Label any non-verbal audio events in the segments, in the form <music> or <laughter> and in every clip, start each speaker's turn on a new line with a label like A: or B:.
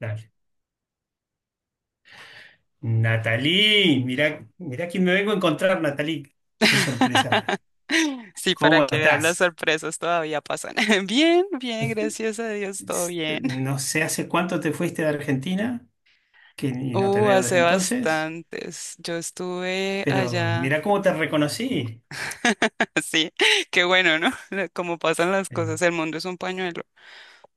A: Dale. Natalí, mirá, mirá quién me vengo a encontrar, Natalí. Qué sorpresa.
B: <laughs> Sí, para
A: ¿Cómo
B: que vean las
A: estás?
B: sorpresas todavía pasan. <laughs> Bien, bien,
A: Es-
B: gracias a Dios, todo bien.
A: No sé hace cuánto te fuiste de Argentina, que y no te
B: Uh,
A: veo desde
B: hace
A: entonces,
B: bastantes. Yo estuve
A: pero mirá
B: allá.
A: cómo te reconocí.
B: <laughs> Sí, qué bueno, ¿no? <laughs> Como pasan las
A: Eh,
B: cosas, el mundo es un pañuelo.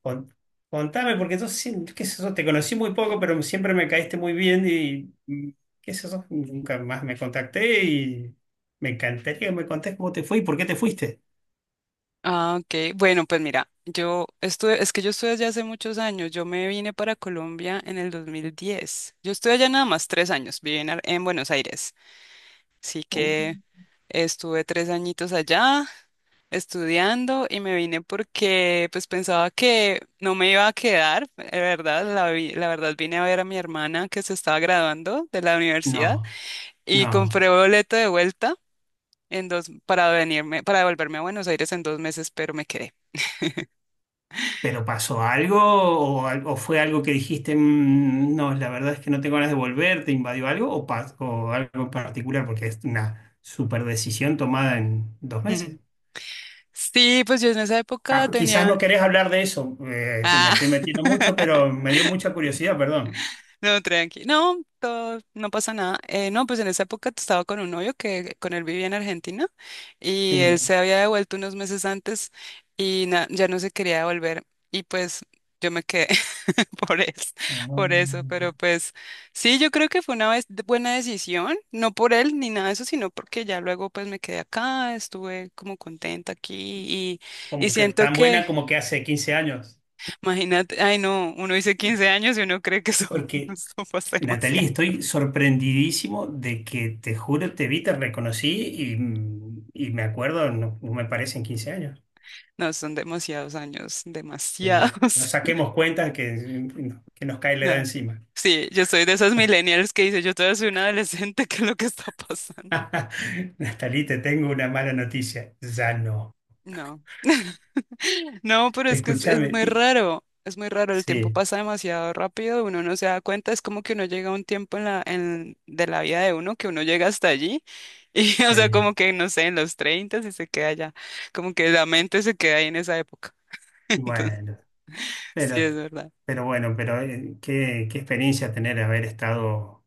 A: con- contame, porque yo qué sé yo, te conocí muy poco, pero siempre me caíste muy bien y qué sé yo, nunca más me contacté y me encantaría que me contés cómo te fue y por qué te fuiste.
B: Ah, ok. Bueno, pues mira, yo estuve, es que yo estuve allá hace muchos años. Yo me vine para Colombia en el 2010. Yo estuve allá nada más 3 años, viví en, en Buenos Aires. Así
A: Uh.
B: que estuve 3 añitos allá estudiando, y me vine porque pues pensaba que no me iba a quedar, de verdad, la verdad vine a ver a mi hermana que se estaba graduando de la universidad
A: No,
B: y compré
A: no.
B: boleto de vuelta en dos para venirme, para devolverme a Buenos Aires en 2 meses, pero me quedé.
A: ¿Pero pasó algo o, o fue algo que dijiste, "Mm, no, la verdad es que no tengo ganas de volver, te invadió algo o, o algo en particular? Porque es una super decisión tomada en 2 meses.
B: <laughs> Sí, pues yo en esa época
A: Ah, quizás
B: tenía.
A: no querés hablar de eso, me
B: ah,
A: estoy metiendo mucho, pero
B: <laughs>
A: me dio mucha curiosidad, perdón.
B: No, tranqui. No, todo, no pasa nada. No, pues en esa época estaba con un novio que con él vivía en Argentina
A: Sí.
B: y él se había devuelto unos meses antes y ya no se quería devolver. Y pues yo me quedé <laughs> por eso,
A: Ah,
B: por eso. Pero pues sí, yo creo que fue buena decisión, no por él ni nada de eso, sino porque ya luego pues me quedé acá, estuve como contenta aquí y, y
A: como que
B: siento
A: tan buena
B: que,
A: como que hace 15 años.
B: imagínate, ay no, uno dice 15 años y uno cree que eso, <laughs>
A: Porque
B: eso pasa
A: Natalie,
B: demasiado.
A: estoy sorprendidísimo de que te juro, te vi, te reconocí y, y me acuerdo, no, no me parecen 15 años.
B: No, son demasiados años,
A: Sí. No
B: demasiados. <laughs>
A: saquemos cuentas que nos cae la edad
B: No.
A: encima.
B: Sí, yo soy de esos millennials que dice, yo todavía soy una adolescente, <laughs> ¿qué es lo que está pasando?
A: <laughs> Natalie, te tengo una mala noticia. Ya no.
B: No. <laughs> No, pero es que es
A: Escúchame.
B: muy
A: y-
B: raro, es muy raro, el tiempo
A: Sí,
B: pasa demasiado rápido, uno no se da cuenta, es como que uno llega a un tiempo de la vida de uno que uno llega hasta allí y, <laughs> o
A: sí.
B: sea, como que, no sé, en los 30 y se queda allá, como que la mente se queda ahí en esa época. <laughs> Entonces,
A: Bueno.
B: sí,
A: Pero,
B: es verdad.
A: pero bueno, pero qué experiencia tener haber estado,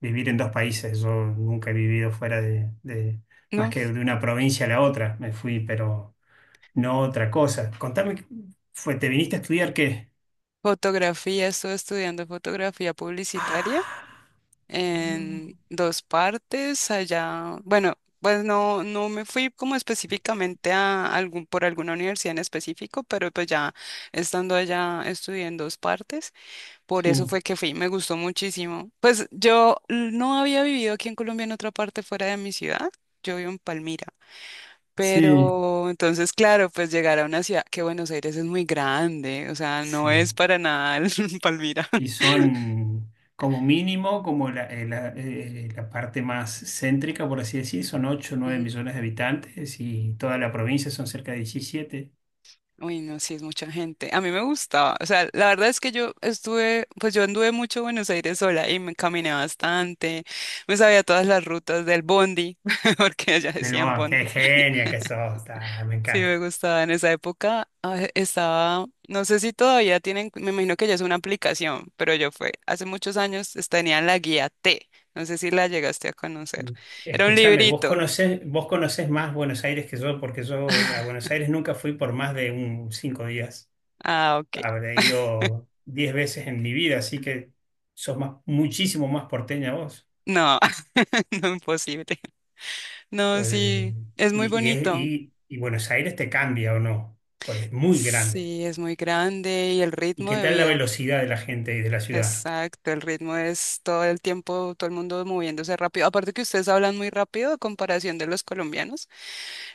A: vivir en dos países. Yo nunca he vivido fuera de más
B: No,
A: que de una provincia a la otra. Me fui, pero no otra cosa. Contame, fue, ¿te viniste a estudiar qué?
B: fotografía, estoy estudiando fotografía publicitaria
A: Ah, no.
B: en dos partes allá. Bueno, pues no, no me fui como específicamente a algún, por alguna universidad en específico, pero pues ya estando allá estudié en dos partes. Por eso
A: Sí,
B: fue que fui, me gustó muchísimo. Pues yo no había vivido aquí en Colombia en otra parte fuera de mi ciudad. Yo vivo en Palmira.
A: sí,
B: Pero entonces, claro, pues llegar a una ciudad que Buenos Aires es muy grande, o sea, no es
A: sí.
B: para nada el <laughs> Palmira.
A: Y son como mínimo, como la parte más céntrica, por así decir, son 8 o 9 millones de habitantes y toda la provincia son cerca de 17.
B: Uy, no, sí, es mucha gente. A mí me gustaba. O sea, la verdad es que yo estuve, pues yo anduve mucho Buenos Aires sola y me caminé bastante. Me sabía todas las rutas del bondi, <laughs> porque allá
A: Del
B: decían
A: Boa, qué
B: bondi.
A: genia que sos, ah, me
B: Sí, me
A: encanta.
B: gustaba. En esa época estaba, no sé si todavía tienen, me imagino que ya es una aplicación, pero yo fue, hace muchos años tenía la guía T. No sé si la llegaste a conocer. Era un
A: Escúchame, vos
B: librito.
A: conocés, vos conocés más Buenos Aires que yo, porque yo a
B: <laughs>
A: Buenos Aires nunca fui por más de un 5 días.
B: Ah, ok.
A: Habré ido 10 veces en mi vida, así que sos más, muchísimo más porteña vos.
B: No, <laughs> no, imposible. No,
A: Eh,
B: sí, es muy
A: y, y, es-
B: bonito.
A: y- y Buenos Aires te cambia o no, pues es muy grande.
B: Sí, es muy grande y el
A: ¿Y
B: ritmo
A: qué
B: de
A: tal la
B: vida.
A: velocidad de la gente y de la ciudad?
B: Exacto, el ritmo es todo el tiempo, todo el mundo moviéndose rápido. Aparte que ustedes hablan muy rápido a comparación de los colombianos.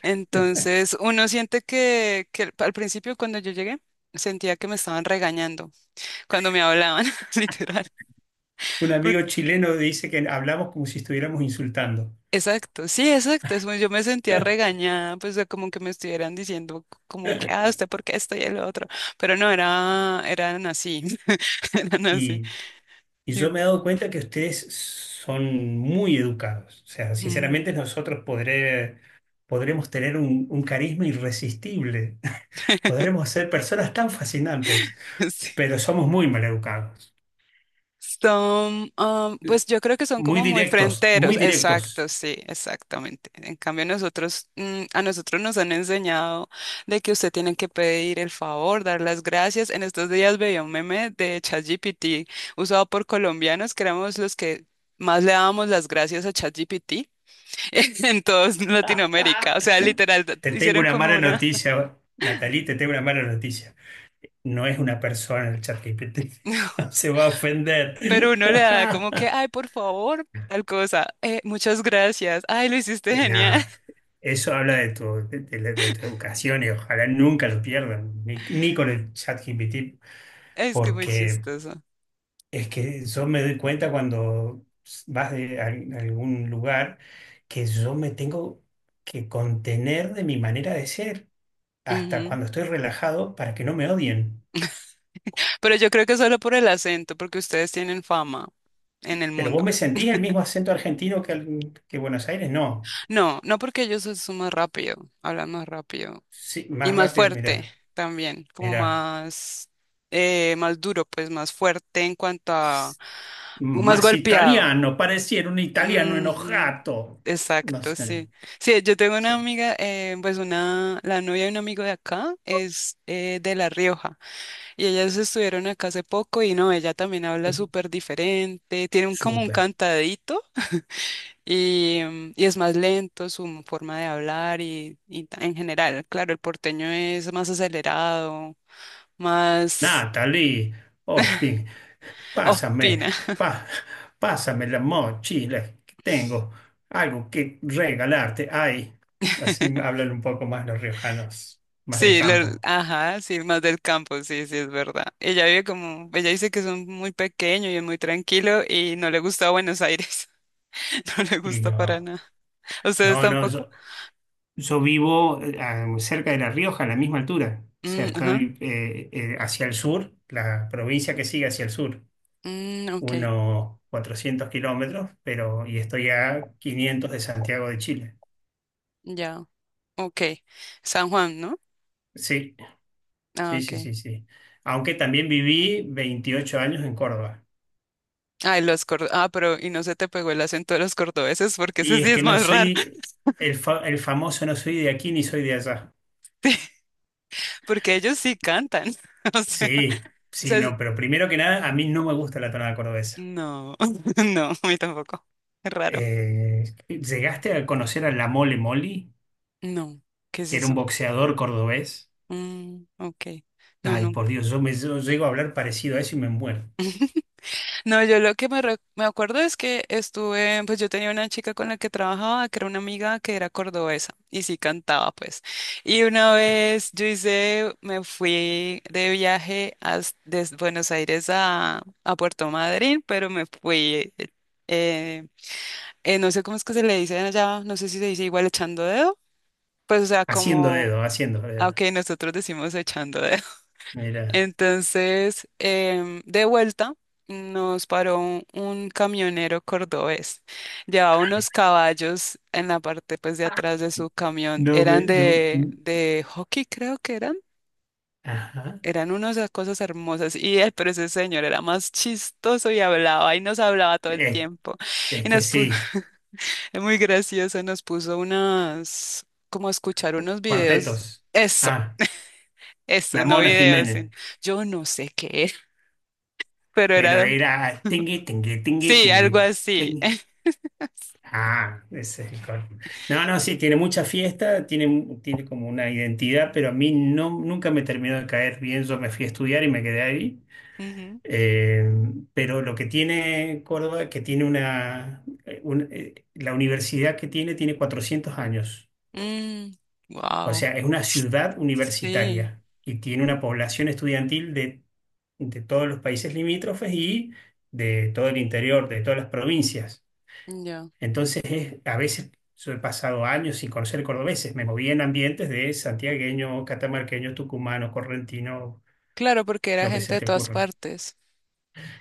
B: Entonces, uno siente que al principio cuando yo llegué, sentía que me estaban regañando cuando me hablaban, <laughs> literal.
A: Un
B: Por-
A: amigo chileno dice que hablamos como si estuviéramos insultando.
B: exacto, sí, exacto. Yo me sentía regañada, pues de como que me estuvieran diciendo como que, ah, usted, ¿por qué esto y el otro? Pero no, era, eran así, <laughs> eran así.
A: Y yo me he dado cuenta que ustedes son muy educados. O sea,
B: Mm.
A: sinceramente nosotros podremos tener un carisma irresistible. <laughs>
B: <laughs>
A: Podremos ser personas tan fascinantes,
B: Sí.
A: pero somos muy mal educados.
B: Son, pues yo creo que son
A: Muy
B: como muy
A: directos, muy
B: fronteros, exacto,
A: directos.
B: sí, exactamente. En cambio nosotros, a nosotros nos han enseñado de que usted tiene que pedir el favor, dar las gracias. En estos días veía un meme de ChatGPT usado por colombianos, que éramos los que más le dábamos las gracias a ChatGPT <laughs> en toda
A: <laughs>
B: Latinoamérica. O sea, literal,
A: Te tengo
B: hicieron
A: una
B: como
A: mala
B: una...
A: noticia, Natalie, te tengo una mala noticia. No es una persona el ChatGPT.
B: <laughs>
A: <laughs> Se va a ofender.
B: Pero
A: <laughs>
B: uno le da como que, ay, por favor, tal cosa, muchas gracias, ay, lo hiciste genial.
A: Nah,
B: <laughs>
A: Eso habla de tu educación y ojalá nunca lo pierdan, ni con el chat GPT,
B: Es que muy
A: porque
B: chistoso.
A: es que yo me doy cuenta cuando vas a algún lugar que yo me tengo que contener de mi manera de ser hasta
B: Ujú.
A: cuando estoy relajado para que no me odien.
B: Pero yo creo que solo por el acento, porque ustedes tienen fama en el
A: Pero vos
B: mundo.
A: me sentís el mismo acento argentino que, que Buenos Aires, no.
B: No, no porque ellos son más rápido, hablan más rápido
A: Sí,
B: y
A: más
B: más
A: rápido,
B: fuerte
A: mirá,
B: también, como
A: mirá.
B: más, más duro, pues más fuerte en cuanto a, más
A: Más
B: golpeado.
A: italiano, pareciera un italiano
B: Ujú,
A: enojato. No
B: exacto,
A: sé.
B: sí. Sí, yo tengo
A: Sí.
B: una amiga, pues una, la novia de un amigo de acá es de La Rioja y ellas estuvieron acá hace poco y no, ella también habla súper diferente, tiene un, como un
A: Súper.
B: cantadito y, y es más lento su forma de hablar y en general, claro, el porteño es más acelerado, más.
A: Natalie, Ospin,
B: <laughs> Opina.
A: pásame, pa- pásame la mochila que tengo, algo que regalarte. Ay, así hablan un poco más los riojanos, más del
B: Sí,
A: campo.
B: ajá, sí, más del campo, sí, sí, es verdad. Ella vive como, ella dice que son muy pequeño y es muy tranquilo y no le gusta Buenos Aires, <laughs> no le
A: Y
B: gusta para
A: no,
B: nada. ¿Ustedes
A: no, no,
B: tampoco?
A: yo vivo cerca de La Rioja, a la misma altura. O sea,
B: Mm, ajá,
A: estoy hacia el sur, la provincia que sigue hacia el sur.
B: mm, ok,
A: Unos 400 kilómetros, pero y estoy a 500 de Santiago de Chile.
B: ya, ok. San Juan, ¿no?
A: Sí,
B: Ah,
A: sí,
B: ok.
A: sí, sí, sí. Aunque también viví 28 años en Córdoba.
B: Ay, los cordobeses, ah, pero y no se te pegó el acento de los cordobeses porque ese
A: Y
B: sí
A: es
B: es
A: que no
B: más raro. <laughs>
A: soy el famoso, no soy de aquí ni soy de allá.
B: Sí, porque ellos sí cantan, <laughs> o sea,
A: Sí,
B: o sea,
A: sí,
B: es-
A: no, pero primero que nada, a mí no me gusta la tonada cordobesa.
B: no, <laughs> no, a mí tampoco, es raro,
A: ¿Llegaste a conocer a La Mole Moli?
B: no, ¿qué es
A: Que Era un
B: eso?
A: boxeador cordobés.
B: Mm, ok. No,
A: Ay,
B: no.
A: por Dios, yo llego a hablar parecido a eso y me muero.
B: No, yo lo que me, me acuerdo es que estuve, pues yo tenía una chica con la que trabajaba, que era una amiga que era cordobesa y sí cantaba, pues. Y una vez yo hice, me fui de viaje desde Buenos Aires a Puerto Madryn, pero me fui, eh, no sé cómo es que se le dice allá, no sé si se dice igual echando dedo, pues o sea,
A: Haciendo
B: como,
A: dedo, haciendo dedo.
B: aunque nosotros decimos echando dedo.
A: Mira.
B: Entonces, de vuelta, nos paró un camionero cordobés. Llevaba unos caballos en la parte pues, de atrás de su camión.
A: No
B: Eran
A: me, no.
B: de,
A: Mm,
B: de hockey, creo que eran.
A: ajá.
B: Eran unas cosas hermosas. Y él, pero ese señor era más chistoso y hablaba y nos hablaba todo el
A: Eh,
B: tiempo.
A: es
B: Y
A: que
B: nos puso,
A: sí,
B: <laughs> es muy gracioso, nos puso unas, como a escuchar unos videos.
A: cuartetos.
B: Eso,
A: Ah,
B: eso,
A: la
B: no
A: Mona
B: videos.
A: Jiménez.
B: Yo no sé qué, era, pero
A: Pero
B: era.
A: era tingui, tingui, tingui,
B: Sí,
A: tingui,
B: algo así.
A: tingui. Ah, ese es el cor- No, no, sí, tiene mucha fiesta, tiene, un-
B: <laughs>
A: tiene como una identidad, pero a mí no, nunca me terminó de caer bien. Yo me fui a estudiar y me quedé ahí.
B: Ujú.
A: Eh, pero lo que tiene Córdoba, que tiene la universidad que tiene 400 años.
B: Mm,
A: O
B: wow.
A: sea, es una ciudad
B: Sí,
A: universitaria y tiene una población estudiantil de todos los países limítrofes y de todo el interior, de todas las provincias.
B: ya.
A: Entonces, a veces yo he pasado años sin conocer cordobeses, me moví en ambientes de santiagueño, catamarqueño, tucumano, correntino,
B: Claro, porque era
A: lo que
B: gente
A: se
B: de
A: te
B: todas
A: ocurra.
B: partes.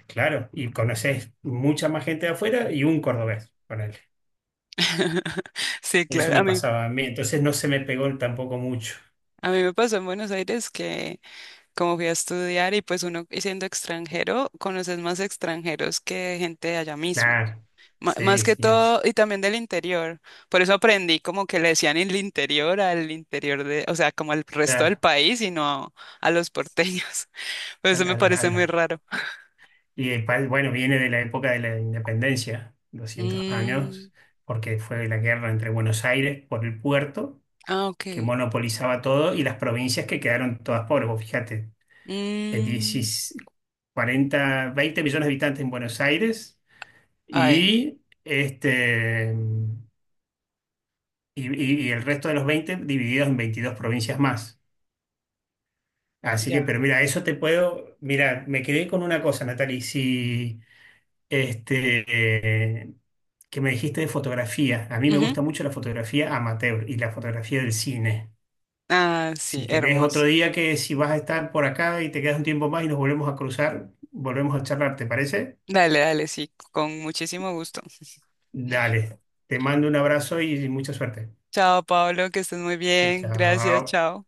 A: Claro, y conoces mucha más gente de afuera y un cordobés, ponele.
B: <laughs> Sí,
A: Eso
B: claro.
A: me pasaba a mí, entonces no se me pegó tampoco mucho.
B: A mí me pasó en Buenos Aires que como fui a estudiar y pues uno y siendo extranjero, conoces más extranjeros que gente de allá mismo.
A: Claro, sí,
B: Más que
A: sí,
B: todo,
A: es
B: y también del interior. Por eso aprendí como que le decían el interior al interior de, o sea, como al resto del
A: claro.
B: país y no a los porteños. <laughs> Por eso
A: Al-
B: me
A: al-
B: parece muy
A: al-
B: raro.
A: Y el país, bueno, viene de la época de la independencia, 200
B: Mm,
A: años, porque fue la guerra entre Buenos Aires por el puerto,
B: ah,
A: que
B: ok.
A: monopolizaba todo, y las provincias que quedaron todas pobres. Vos fíjate,
B: Mm,
A: 16 40, 20 millones de habitantes en Buenos Aires
B: ay,
A: y, este, y el resto de los 20 divididos en 22 provincias más. Así que,
B: ya.
A: pero mira, eso te puedo, mira, me quedé con una cosa, Natalie, si. Este, eh, que me dijiste de fotografía. A mí me
B: Ujú.
A: gusta mucho la fotografía amateur y la fotografía del cine.
B: Ah, sí,
A: Si querés otro
B: hermoso.
A: día que si vas a estar por acá y te quedas un tiempo más y nos volvemos a cruzar, volvemos a charlar, ¿te parece?
B: Dale, dale, sí, con muchísimo gusto.
A: Dale, te mando un abrazo y mucha suerte.
B: Chao, Pablo, que estés muy bien. Gracias,
A: Chao.
B: chao.